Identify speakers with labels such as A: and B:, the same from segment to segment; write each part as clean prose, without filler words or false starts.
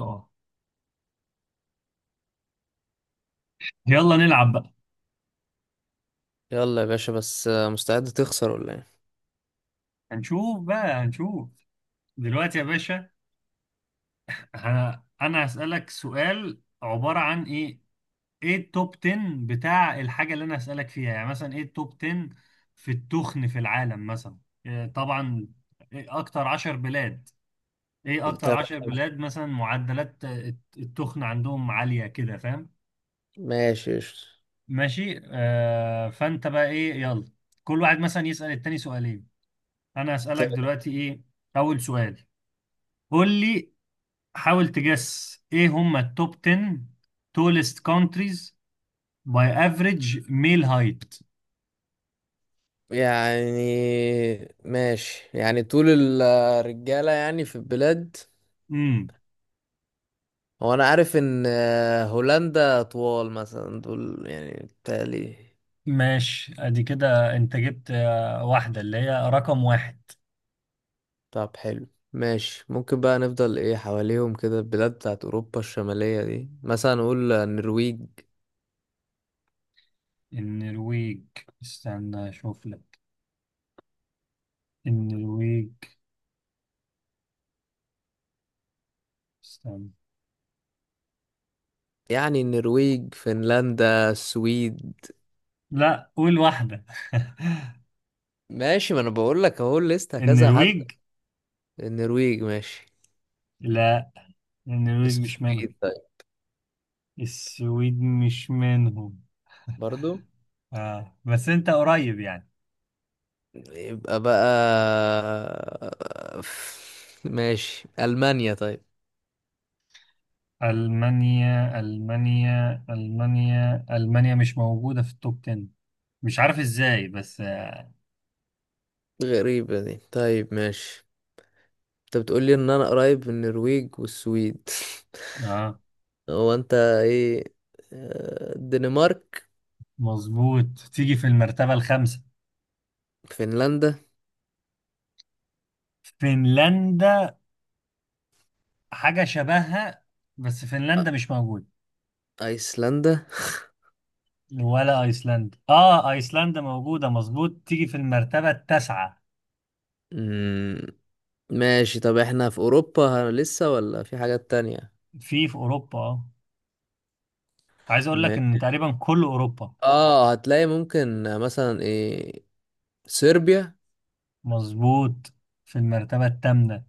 A: اه. يلا نلعب بقى.
B: يلا يا باشا، بس مستعد تخسر ولا ايه؟
A: هنشوف بقى. دلوقتي يا باشا. انا هسألك سؤال عبارة عن ايه التوب 10. بتاع الحاجة اللي انا هسألك فيها، يعني مثلا ايه التوب 10 في التخن في العالم مثلا. إيه طبعا. إيه اكتر 10 بلاد؟ ايه اكتر
B: تمام.
A: 10 بلاد مثلا معدلات التخن عندهم عالية كده، فاهم؟
B: ماشي قشطة.
A: ماشي آه، فانت بقى ايه؟ يلا، كل واحد مثلا يسأل التاني سؤالين. انا هسألك
B: طب
A: دلوقتي ايه اول سؤال. قول لي، حاول تجس ايه هم التوب 10 tallest countries by average male height.
B: يعني، ماشي. يعني طول الرجالة يعني في البلاد.
A: امم
B: هو انا عارف ان هولندا طوال مثلا، دول يعني بتالي.
A: ماشي، ادي كده انت جبت واحدة اللي هي رقم واحد.
B: طب حلو، ماشي. ممكن بقى نفضل ايه حواليهم كده، البلاد بتاعت اوروبا الشمالية دي، مثلا نقول النرويج.
A: النرويج؟ استنى اشوف لك. النرويج، استنى.
B: يعني النرويج، فنلندا، السويد.
A: لا، قول واحدة.
B: ماشي، ما انا بقول لك اهو لسه كذا حد.
A: النرويج؟
B: النرويج ماشي.
A: لا، النرويج مش منهم.
B: السويد طيب.
A: السويد مش منهم.
B: برضو؟
A: آه، بس انت قريب يعني.
B: يبقى بقى ماشي، ألمانيا طيب.
A: ألمانيا مش موجودة في التوب 10، مش عارف إزاي بس.
B: غريبة دي، طيب ماشي. انت بتقولي ان انا قريب من النرويج والسويد.
A: آه،
B: هو انت ايه؟ الدنمارك.
A: مظبوط، تيجي في المرتبة الخامسة.
B: فنلندا.
A: فنلندا؟ حاجة شبهها، بس فنلندا مش موجودة.
B: ايسلندا.
A: ولا أيسلندا، آه أيسلندا موجودة، مظبوط تيجي في المرتبة التاسعة.
B: مم. ماشي. طب احنا في اوروبا لسه ولا في حاجات تانية؟
A: في أوروبا آه، عايز أقول لك
B: ما-
A: إن تقريبا كل أوروبا.
B: اه هتلاقي ممكن مثلا ايه، صربيا.
A: مظبوط، في المرتبة الثامنة.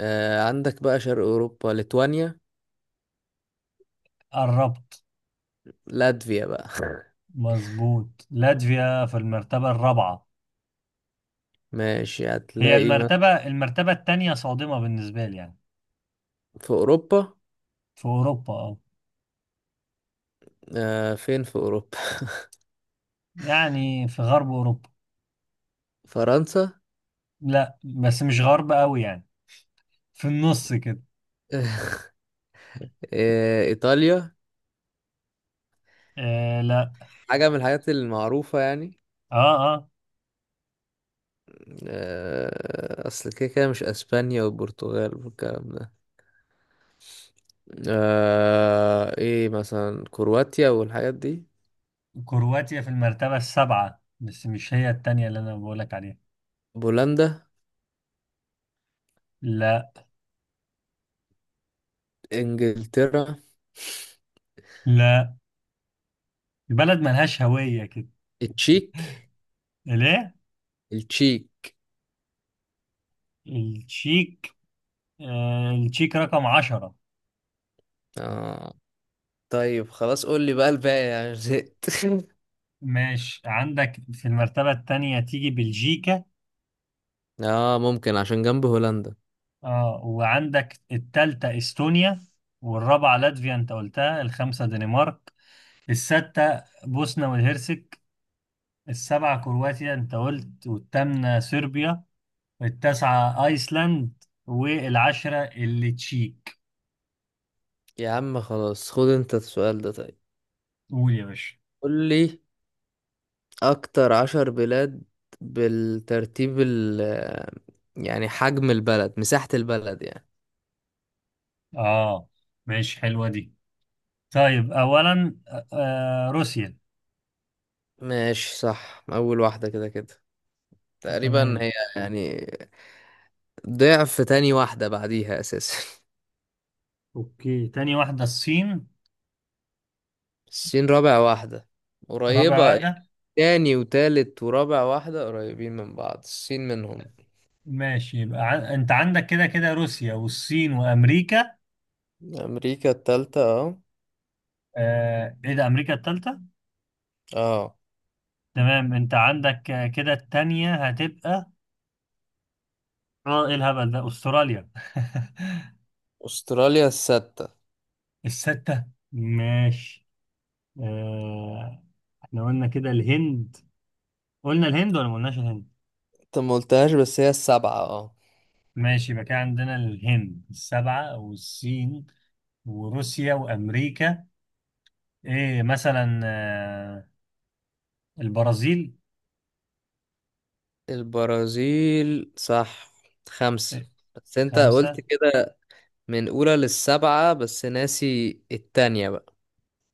B: آه عندك بقى شرق اوروبا، ليتوانيا،
A: قربت.
B: لاتفيا بقى.
A: مظبوط، لاتفيا في المرتبة الرابعة.
B: ماشي
A: هي
B: هتلاقي ما.
A: المرتبة التانية صادمة بالنسبة لي يعني.
B: في أوروبا؟
A: في أوروبا أه.
B: آه فين في أوروبا؟
A: يعني في غرب أوروبا.
B: فرنسا.
A: لا، بس مش غرب أوي يعني، في النص كده.
B: آه إيطاليا.
A: آه لا.
B: حاجة من الحاجات المعروفة يعني.
A: أه.
B: آه أصل كده كده مش أسبانيا والبرتغال والكلام ده. آه إيه مثلا كرواتيا والحاجات دي.
A: كرواتيا في المرتبة السابعة، بس مش هي التانية اللي أنا بقولك عليها.
B: بولندا.
A: لا.
B: إنجلترا.
A: لا، البلد ملهاش هوية كده.
B: التشيك.
A: ليه؟
B: التشيك.
A: التشيك؟ آه التشيك رقم عشرة.
B: آه. طيب خلاص قول لي بقى الباقي، يعني زهقت.
A: ماشي، عندك في المرتبة التانية تيجي بلجيكا.
B: اه ممكن عشان جنب هولندا.
A: اه، وعندك التالتة استونيا، والرابعة لاتفيا انت قلتها، الخامسة دنمارك، الستة بوسنة والهرسك، السبعة كرواتيا انت قلت، والثامنة صربيا، التاسعة ايسلاند، والعشرة اللي تشيك.
B: يا عم خلاص خد انت السؤال ده طيب.
A: قول يا باشا.
B: قول لي اكتر عشر بلاد بالترتيب، ال يعني حجم البلد، مساحة البلد يعني.
A: اه، ماشي، حلوة دي. طيب اولا روسيا.
B: ماشي صح، اول واحدة كده كده تقريبا
A: تمام.
B: هي يعني. ضعف تاني واحدة بعديها اساسا.
A: اوكي، تاني واحدة الصين.
B: الصين رابع واحدة.
A: رابع
B: قريبة.
A: واحدة؟
B: تاني وتالت ورابع واحدة قريبين من بعض، الصين منهم.
A: ماشي، يبقى ع... انت عندك كده كده روسيا والصين وامريكا.
B: امريكا التالتة اه.
A: آه ايه ده، امريكا الثالثه؟
B: اه.
A: تمام، انت عندك كده الثانيه هتبقى، اه ايه الهبل ده، استراليا؟
B: استراليا الستة.
A: السته. ماشي آه، احنا قلنا كده الهند؟ قلنا الهند ولا ما قلناش الهند؟
B: انت ما قلتهاش، بس هي السبعة اه.
A: ماشي، يبقى كده عندنا الهند السبعه، والصين وروسيا وامريكا. ايه مثلا البرازيل.
B: البرازيل صح، خمسة.
A: إيه،
B: بس انت قلت
A: خمسه؟
B: كده من اولى للسبعة، بس ناسي التانية بقى.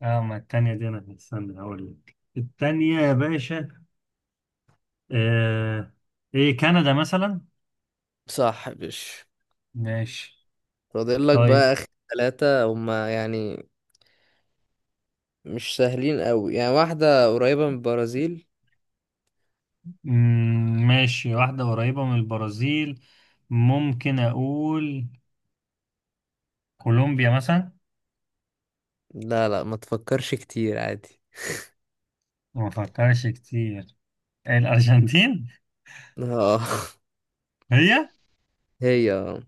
A: اه، ما الثانيه دي انا استنى هقول لك الثانيه يا باشا. آه، ايه كندا مثلا؟
B: صح يا باشا.
A: ماشي.
B: فاضل لك
A: طيب
B: بقى اخر ثلاثة، هما يعني مش سهلين قوي. يعني واحدة قريبة من البرازيل.
A: ماشي، واحدة قريبة من البرازيل. ممكن أقول كولومبيا مثلا.
B: لا لا، ما تفكرش كتير، عادي.
A: ما فكرش كتير. الأرجنتين؟
B: اه.
A: هي.
B: هي اه.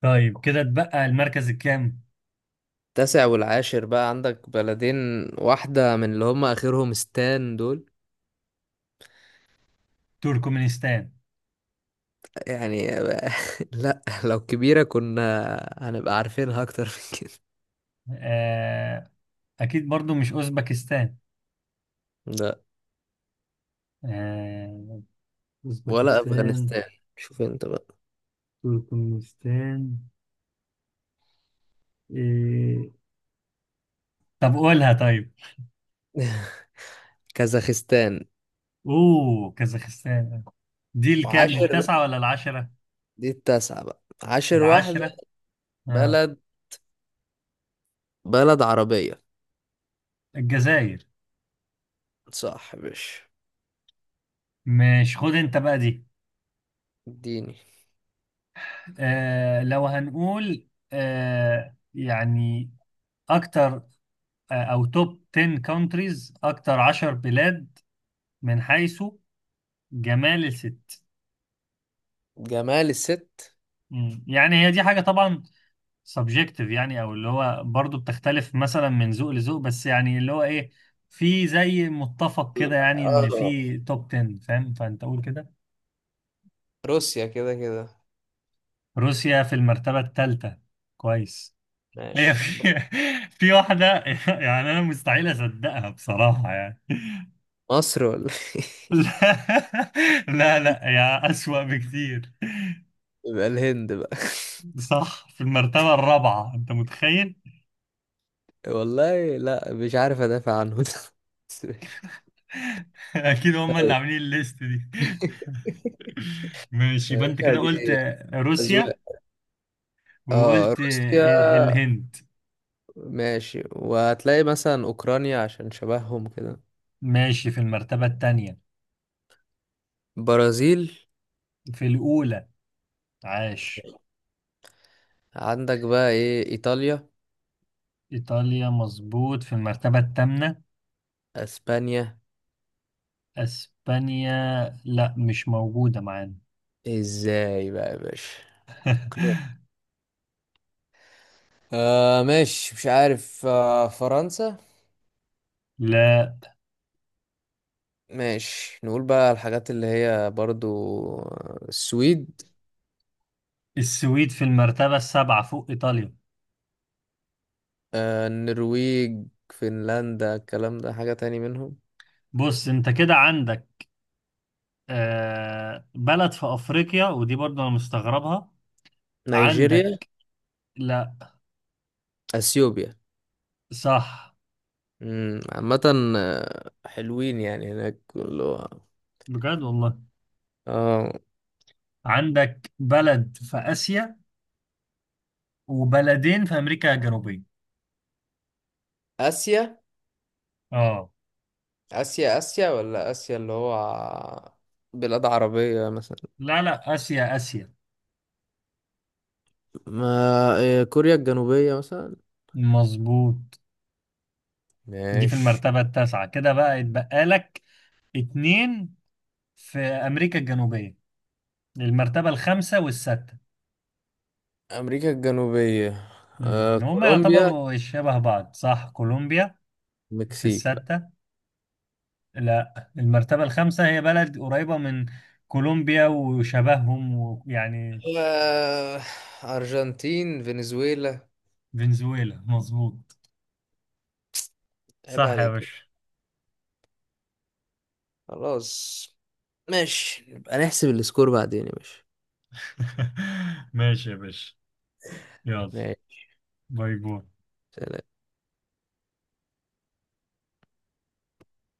A: طيب، كده اتبقى المركز الكام؟
B: التاسع والعاشر بقى عندك بلدين. واحدة من اللي هما آخرهم ستان دول
A: تركمانستان؟
B: يعني. لا لو كبيرة كنا هنبقى عارفينها أكتر من كده.
A: آه. أكيد برضو مش أوزبكستان؟
B: لا.
A: آه،
B: ولا
A: أوزبكستان.
B: افغانستان، شوف انت بقى.
A: تركمانستان. إيه. طب قولها طيب.
B: كازاخستان.
A: أوه، كازاخستان. دي الكام، دي
B: وعاشر،
A: التاسعة ولا العشرة؟
B: دي التاسعة بقى، عاشر واحدة
A: العشرة. آه.
B: بلد، بلد عربية.
A: الجزائر.
B: صح يا باشا.
A: مش خد انت بقى دي.
B: اديني.
A: آه، لو هنقول آه يعني اكتر، او توب 10 countries، اكتر 10 بلاد من حيث جمال الست.
B: جمال الست.
A: مم، يعني هي دي حاجة طبعا subjective، يعني او اللي هو برضو بتختلف مثلا من ذوق لذوق، بس يعني اللي هو ايه، في زي متفق كده يعني، ان
B: آه.
A: في توب 10، فاهم؟ فانت قول كده.
B: روسيا كده كده.
A: روسيا في المرتبة الثالثة. كويس. هي
B: ماشي بقى.
A: في في واحدة يعني أنا مستحيل أصدقها بصراحة يعني.
B: مصر ولا؟
A: لا، لا لا، يا أسوأ بكتير.
B: يبقى الهند بقى.
A: صح، في المرتبة الرابعة، أنت متخيل؟
B: والله لا، مش عارف ادافع عنه ده، بس ماشي.
A: أكيد هم اللي
B: طيب.
A: عاملين الليست دي. ماشي،
B: يا
A: يبقى أنت
B: باشا
A: كده
B: دي
A: قلت روسيا،
B: أذواق. اه
A: وقلت
B: روسيا.
A: الهند.
B: ماشي، وهتلاقي مثلا اوكرانيا عشان شبههم كده.
A: ماشي، في المرتبة الثانية.
B: برازيل.
A: في الأولى. عاش.
B: عندك بقى ايه، ايطاليا.
A: إيطاليا، مظبوط في المرتبة الثامنة.
B: اسبانيا.
A: اسبانيا؟ لا، مش موجودة معانا.
B: ازاي بقى يا باشا، قناع. آه ماشي، مش عارف. آه فرنسا.
A: لا.
B: ماشي نقول بقى الحاجات اللي هي برضو، السويد.
A: السويد في المرتبة السابعة، فوق إيطاليا.
B: آه النرويج، فنلندا الكلام ده حاجة تاني منهم.
A: بص، أنت كده عندك آه بلد في أفريقيا، ودي برضه أنا مستغربها.
B: نيجيريا.
A: عندك. لا.
B: اثيوبيا.
A: صح.
B: عامة حلوين يعني هناك كله.
A: بجد والله.
B: اه.
A: عندك بلد في آسيا، وبلدين في أمريكا الجنوبية.
B: اسيا.
A: آه.
B: اسيا اسيا ولا اسيا اللي هو بلاد عربية مثلا؟
A: لا لا، آسيا آسيا.
B: ما كوريا الجنوبية مثلا.
A: مظبوط. دي في
B: ماشي.
A: المرتبة التاسعة، كده بقى يتبقى لك اتنين في أمريكا الجنوبية، المرتبة الخامسة والستة.
B: امريكا الجنوبية.
A: امم، هم
B: كولومبيا.
A: يعتبروا شبه بعض، صح كولومبيا. في
B: المكسيك بقى.
A: الستة. لا، المرتبة الخامسة هي بلد قريبة من كولومبيا، وشبههم، ويعني.
B: آه، ارجنتين، فنزويلا.
A: فنزويلا، مظبوط.
B: عيب
A: صح يا
B: عليك.
A: باشا.
B: خلاص ماشي، هنحسب السكور بعدين يا باشا.
A: ماشي يا باشا. يلا،
B: ماشي.
A: باي باي.
B: سلام.